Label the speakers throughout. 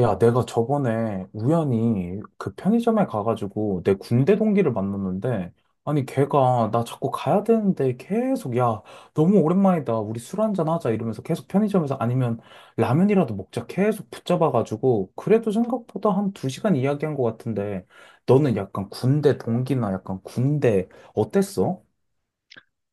Speaker 1: 야, 내가 저번에 우연히 그 편의점에 가가지고 내 군대 동기를 만났는데, 아니, 걔가 나 자꾸 가야 되는데 계속, 야, 너무 오랜만이다. 우리 술 한잔 하자. 이러면서 계속 편의점에서 아니면 라면이라도 먹자. 계속 붙잡아가지고, 그래도 생각보다 한 두 시간 이야기한 것 같은데, 너는 약간 군대 동기나 약간 군대 어땠어?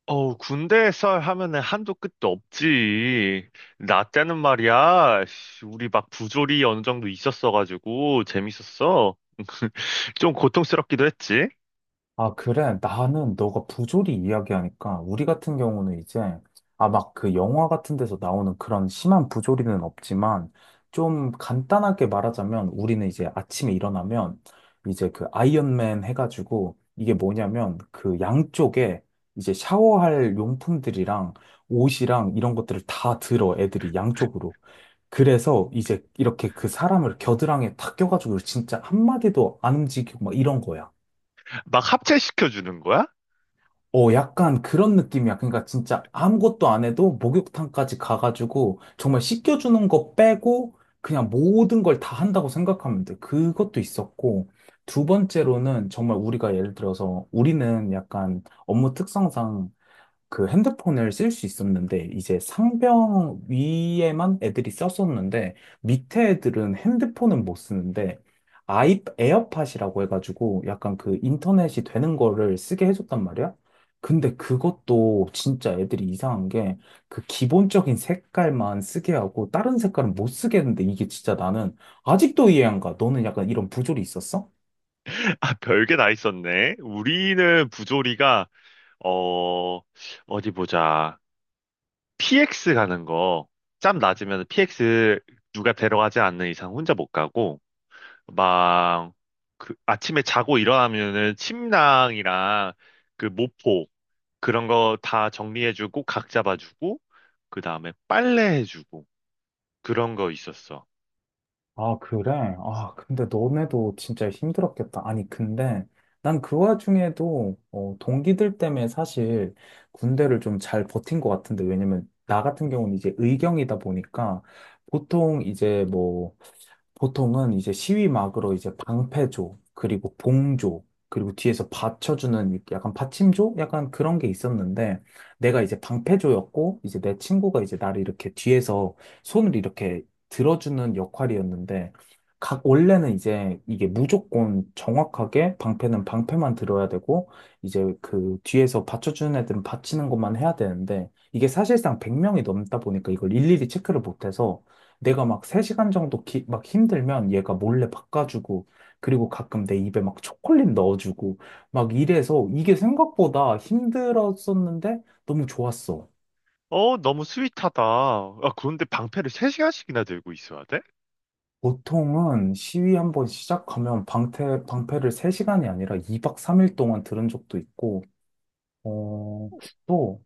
Speaker 2: 어우, 군대 썰 하면은 한도 끝도 없지. 나 때는 말이야, 씨, 우리 막 부조리 어느 정도 있었어가지고 재밌었어. 좀 고통스럽기도 했지.
Speaker 1: 아, 그래. 나는 너가 부조리 이야기하니까 우리 같은 경우는 이제 아, 막 그 영화 같은 데서 나오는 그런 심한 부조리는 없지만 좀 간단하게 말하자면 우리는 이제 아침에 일어나면 이제 그 아이언맨 해가지고 이게 뭐냐면 그 양쪽에 이제 샤워할 용품들이랑 옷이랑 이런 것들을 다 들어 애들이 양쪽으로. 그래서 이제 이렇게 그 사람을 겨드랑이에 탁 껴가지고 진짜 한마디도 안 움직이고 막 이런 거야.
Speaker 2: 막 합체시켜주는 거야?
Speaker 1: 어, 약간 그런 느낌이야. 그러니까 진짜 아무것도 안 해도 목욕탕까지 가가지고 정말 씻겨주는 거 빼고 그냥 모든 걸 다 한다고 생각하면 돼. 그것도 있었고. 두 번째로는 정말 우리가 예를 들어서 우리는 약간 업무 특성상 그 핸드폰을 쓸 수 있었는데 이제 상병 위에만 애들이 썼었는데 밑에 애들은 핸드폰은 못 쓰는데 아이 에어팟이라고 해가지고 약간 그 인터넷이 되는 거를 쓰게 해줬단 말이야. 근데 그것도 진짜 애들이 이상한 게 그 기본적인 색깔만 쓰게 하고 다른 색깔은 못 쓰게 했는데 이게 진짜 나는 아직도 이해 안 가. 너는 약간 이런 부조리 있었어?
Speaker 2: 아, 별게 다 있었네. 우리는 부조리가, 어, 어디 보자. PX 가는 거. 짬 낮으면 PX 누가 데려가지 않는 이상 혼자 못 가고, 막, 그, 아침에 자고 일어나면은 침낭이랑 그 모포, 그런 거 다 정리해주고 각 잡아주고 그 다음에 빨래해주고 그런 거 있었어.
Speaker 1: 아, 그래? 아, 근데 너네도 진짜 힘들었겠다. 아니, 근데 난 그 와중에도 어, 동기들 때문에 사실 군대를 좀 잘 버틴 것 같은데, 왜냐면 나 같은 경우는 이제 의경이다 보니까 보통 이제 뭐 보통은 이제 시위막으로 이제 방패조, 그리고 봉조, 그리고 뒤에서 받쳐주는 이렇게 약간 받침조? 약간 그런 게 있었는데, 내가 이제 방패조였고, 이제 내 친구가 이제 나를 이렇게 뒤에서 손을 이렇게 들어주는 역할이었는데, 각, 원래는 이제 이게 무조건 정확하게 방패는 방패만 들어야 되고, 이제 그 뒤에서 받쳐주는 애들은 받치는 것만 해야 되는데, 이게 사실상 100명이 넘다 보니까 이걸 일일이 체크를 못해서, 내가 막 3시간 정도 막 힘들면 얘가 몰래 바꿔주고, 그리고 가끔 내 입에 막 초콜릿 넣어주고, 막 이래서 이게 생각보다 힘들었었는데 너무 좋았어.
Speaker 2: 어, 너무 스윗하다. 아, 그런데 방패를 3시간씩이나 들고 있어야 돼?
Speaker 1: 보통은 시위 한번 시작하면 방패, 방패를 3시간이 아니라 2박 3일 동안 들은 적도 있고, 어, 또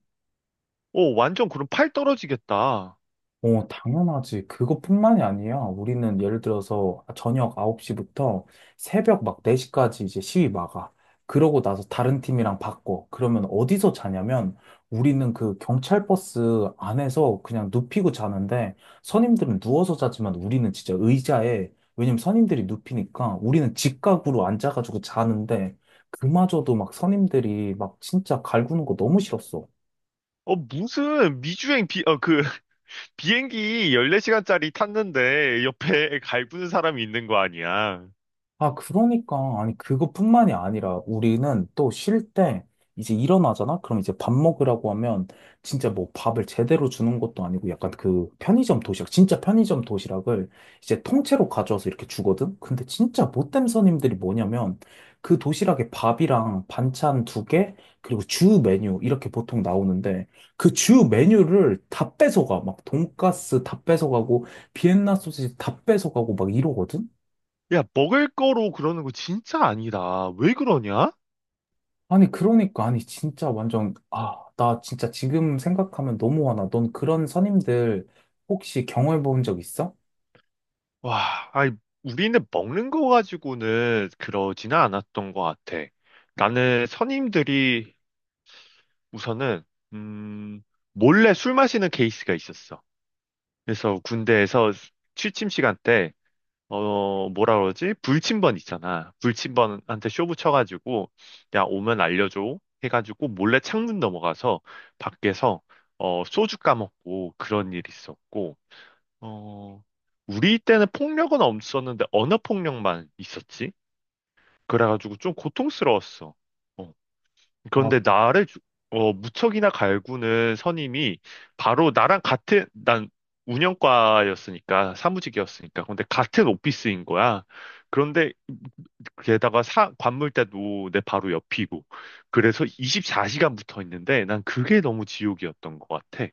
Speaker 2: 어, 완전 그럼 팔 떨어지겠다.
Speaker 1: 어, 당연하지. 그것뿐만이 아니야. 우리는 예를 들어서 저녁 9시부터 새벽 막 4시까지 이제 시위 막아. 그러고 나서 다른 팀이랑 바꿔. 그러면 어디서 자냐면 우리는 그 경찰 버스 안에서 그냥 눕히고 자는데 선임들은 누워서 자지만 우리는 진짜 의자에 왜냐면 선임들이 눕히니까 우리는 직각으로 앉아가지고 자는데 그마저도 막 선임들이 막 진짜 갈구는 거 너무 싫었어.
Speaker 2: 어, 무슨 미주행 그 비행기 14시간짜리 탔는데 옆에 갈구는 사람이 있는 거 아니야.
Speaker 1: 아, 그러니까. 아니, 그것뿐만이 아니라 우리는 또 쉴 때 이제 일어나잖아? 그럼 이제 밥 먹으라고 하면 진짜 뭐 밥을 제대로 주는 것도 아니고 약간 그 편의점 도시락, 진짜 편의점 도시락을 이제 통째로 가져와서 이렇게 주거든? 근데 진짜 못된 손님들이 뭐냐면 그 도시락에 밥이랑 반찬 두 개, 그리고 주 메뉴 이렇게 보통 나오는데 그 주 메뉴를 다 뺏어가. 막 돈가스 다 뺏어가고 비엔나 소시지 다 뺏어가고 막 이러거든?
Speaker 2: 야, 먹을 거로 그러는 거 진짜 아니다. 왜 그러냐?
Speaker 1: 아니, 그러니까, 아니, 진짜 완전, 아, 나 진짜 지금 생각하면 너무 화나. 넌 그런 선임들 혹시 경험해 본 적 있어?
Speaker 2: 와, 아니, 우리는 먹는 거 가지고는 그러지는 않았던 것 같아. 나는 선임들이 우선은, 음, 몰래 술 마시는 케이스가 있었어. 그래서 군대에서 취침 시간 때, 뭐라 그러지? 불침번 있잖아. 불침번한테 쇼부 쳐가지고, 야, 오면 알려줘. 해가지고 몰래 창문 넘어가서 밖에서, 소주 까먹고 그런 일이 있었고, 어, 우리 때는 폭력은 없었는데 언어 폭력만 있었지. 그래가지고 좀 고통스러웠어. 어.
Speaker 1: 아,
Speaker 2: 그런데 나를 무척이나 갈구는 선임이 바로 나랑 같은 난 운영과였으니까 사무직이었으니까 근데 같은 오피스인 거야. 그런데 게다가 관물대도 내 바로 옆이고 그래서 24시간 붙어 있는데 난 그게 너무 지옥이었던 것 같아.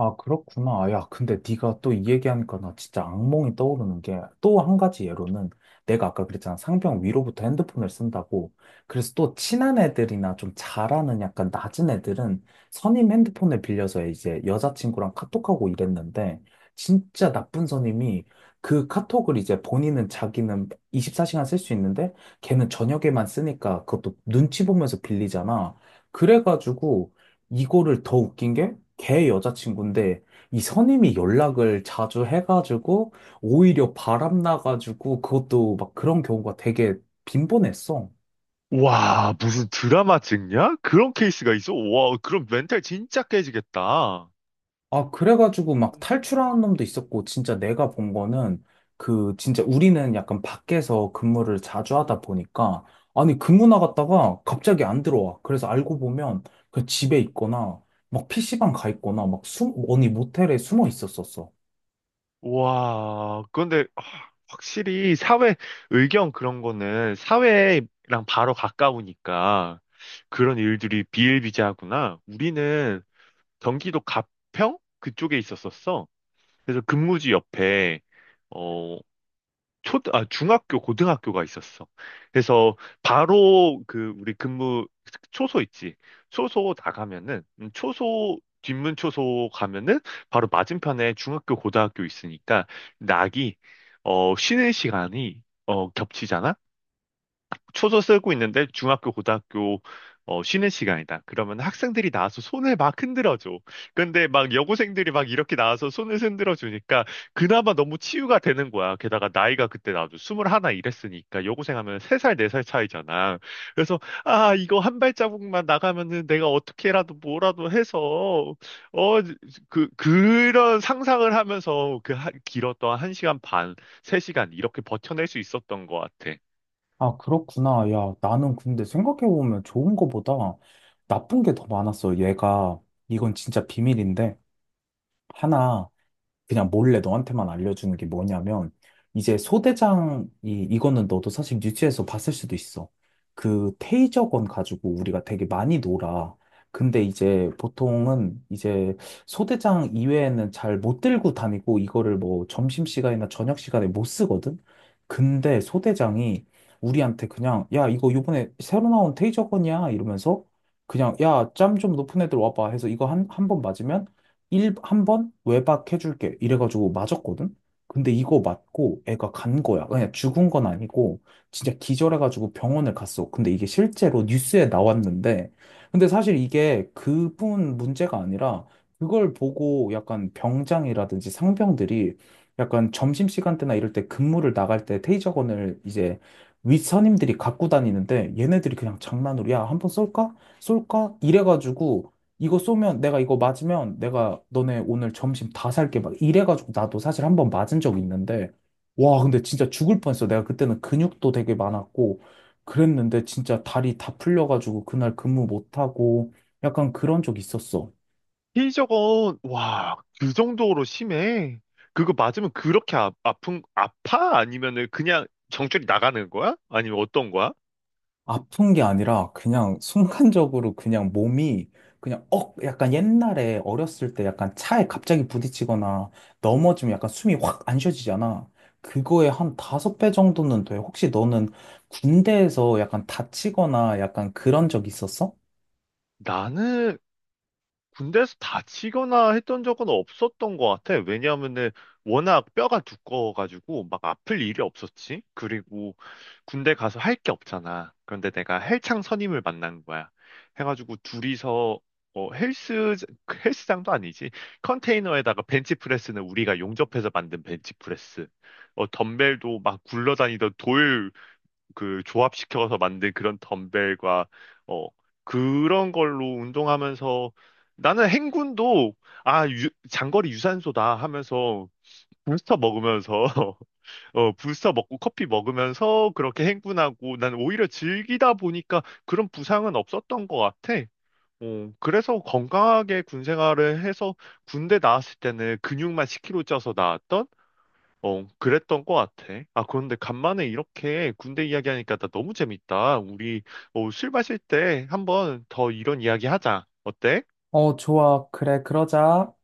Speaker 1: 아, 그렇구나. 아, 야, 근데 네가 또 이 얘기하니까 나 진짜 악몽이 떠오르는 게 또 한 가지 예로는 내가 아까 그랬잖아. 상병 위로부터 핸드폰을 쓴다고. 그래서 또 친한 애들이나 좀 잘하는 약간 낮은 애들은 선임 핸드폰을 빌려서 이제 여자친구랑 카톡하고 이랬는데 진짜 나쁜 선임이 그 카톡을 이제 본인은 자기는 24시간 쓸 수 있는데 걔는 저녁에만 쓰니까 그것도 눈치 보면서 빌리잖아. 그래가지고 이거를 더 웃긴 게, 걔 여자친구인데, 이 선임이 연락을 자주 해가지고, 오히려 바람나가지고, 그것도 막 그런 경우가 되게 빈번했어.
Speaker 2: 와, 무슨 드라마 찍냐? 그런 케이스가 있어? 와, 그럼 멘탈 진짜 깨지겠다.
Speaker 1: 아, 그래가지고 막 탈출하는 놈도 있었고, 진짜 내가 본 거는, 그, 진짜 우리는 약간 밖에서 근무를 자주 하다 보니까, 아니, 근무 나갔다가 갑자기 안 들어와. 그래서 알고 보면, 그 집에 있거나, 막 PC방 가 있거나, 막 숨, 어디 모텔에 숨어 있었었어.
Speaker 2: 와, 그런데 아, 확실히 사회 의견 그런 거는 사회랑 바로 가까우니까 그런 일들이 비일비재하구나. 우리는 경기도 가평 그쪽에 있었었어. 그래서 근무지 옆에 어, 중학교, 고등학교가 있었어. 그래서 바로 그 우리 근무 초소 있지. 초소 나가면은 초소 뒷문 초소 가면은 바로 맞은편에 중학교, 고등학교 있으니까 낙이 쉬는 시간이 겹치잖아. 초소 쓰고 있는데 중학교, 고등학교 쉬는 시간이다. 그러면 학생들이 나와서 손을 막 흔들어줘. 근데 막 여고생들이 막 이렇게 나와서 손을 흔들어주니까 그나마 너무 치유가 되는 거야. 게다가 나이가 그때 나도 21 이랬으니까 여고생 하면 3살, 4살 차이잖아. 그래서 아, 이거 한 발자국만 나가면은 내가 어떻게라도 뭐라도 해서 어, 그런 상상을 하면서 그 길었던 1시간 반, 3시간 이렇게 버텨낼 수 있었던 것 같아.
Speaker 1: 아, 그렇구나. 야, 나는 근데 생각해보면 좋은 거보다 나쁜 게 더 많았어. 얘가, 이건 진짜 비밀인데, 하나. 그냥 몰래 너한테만 알려주는 게 뭐냐면, 이제 소대장이, 이거는 너도 사실 뉴스에서 봤을 수도 있어. 그 테이저건 가지고 우리가 되게 많이 놀아. 근데 이제 보통은 이제 소대장 이외에는 잘 못 들고 다니고 이거를 뭐 점심시간이나 저녁시간에 못 쓰거든? 근데 소대장이 우리한테 그냥, 야, 이거 요번에 새로 나온 테이저건이야? 이러면서 그냥, 야, 짬 좀 높은 애들 와봐 해서 이거 한 번 맞으면 일, 한 번 외박해줄게. 이래가지고 맞았거든? 근데 이거 맞고 애가 간 거야. 그냥 죽은 건 아니고 진짜 기절해가지고 병원을 갔어. 근데 이게 실제로 뉴스에 나왔는데 근데 사실 이게 그뿐 문제가 아니라 그걸 보고 약간 병장이라든지 상병들이 약간 점심시간 때나 이럴 때 근무를 나갈 때 테이저건을 이제 윗선임들이 갖고 다니는데 얘네들이 그냥 장난으로 야, 한 번 쏠까? 쏠까? 이래가지고 이거 쏘면 내가 이거 맞으면 내가 너네 오늘 점심 다 살게 막 이래가지고 나도 사실 한 번 맞은 적이 있는데 와 근데 진짜 죽을 뻔했어 내가 그때는 근육도 되게 많았고 그랬는데 진짜 다리 다 풀려가지고 그날 근무 못하고 약간 그런 적 있었어
Speaker 2: 피저건 와, 그 정도로 심해? 그거 맞으면 그렇게 아파? 아니면은 그냥 정줄이 나가는 거야? 아니면 어떤 거야?
Speaker 1: 아픈 게 아니라 그냥 순간적으로 그냥 몸이 그냥 억 약간 옛날에 어렸을 때 약간 차에 갑자기 부딪히거나 넘어지면 약간 숨이 확 안 쉬어지잖아. 그거에 한 다섯 배 정도는 돼. 혹시 너는 군대에서 약간 다치거나 약간 그런 적 있었어?
Speaker 2: 나는 군대에서 다치거나 했던 적은 없었던 것 같아. 왜냐하면은 워낙 뼈가 두꺼워가지고 막 아플 일이 없었지. 그리고 군대 가서 할 게 없잖아. 그런데 내가 헬창 선임을 만난 거야. 해가지고 둘이서 어, 헬스 헬스장도 아니지. 컨테이너에다가 벤치프레스는 우리가 용접해서 만든 벤치프레스. 어, 덤벨도 막 굴러다니던 돌 그 조합시켜서 만든 그런 덤벨과 어 그런 걸로 운동하면서 나는 행군도 장거리 유산소다 하면서 부스터 먹으면서 부스터 먹고 커피 먹으면서 그렇게 행군하고 난 오히려 즐기다 보니까 그런 부상은 없었던 것 같아. 어, 그래서 건강하게 군 생활을 해서 군대 나왔을 때는 근육만 10kg 쪄서 나왔던 그랬던 것 같아. 아, 그런데 간만에 이렇게 군대 이야기하니까 나 너무 재밌다. 우리 술 마실 때 한번 더 이런 이야기 하자. 어때?
Speaker 1: 어, 좋아. 그래, 그러자.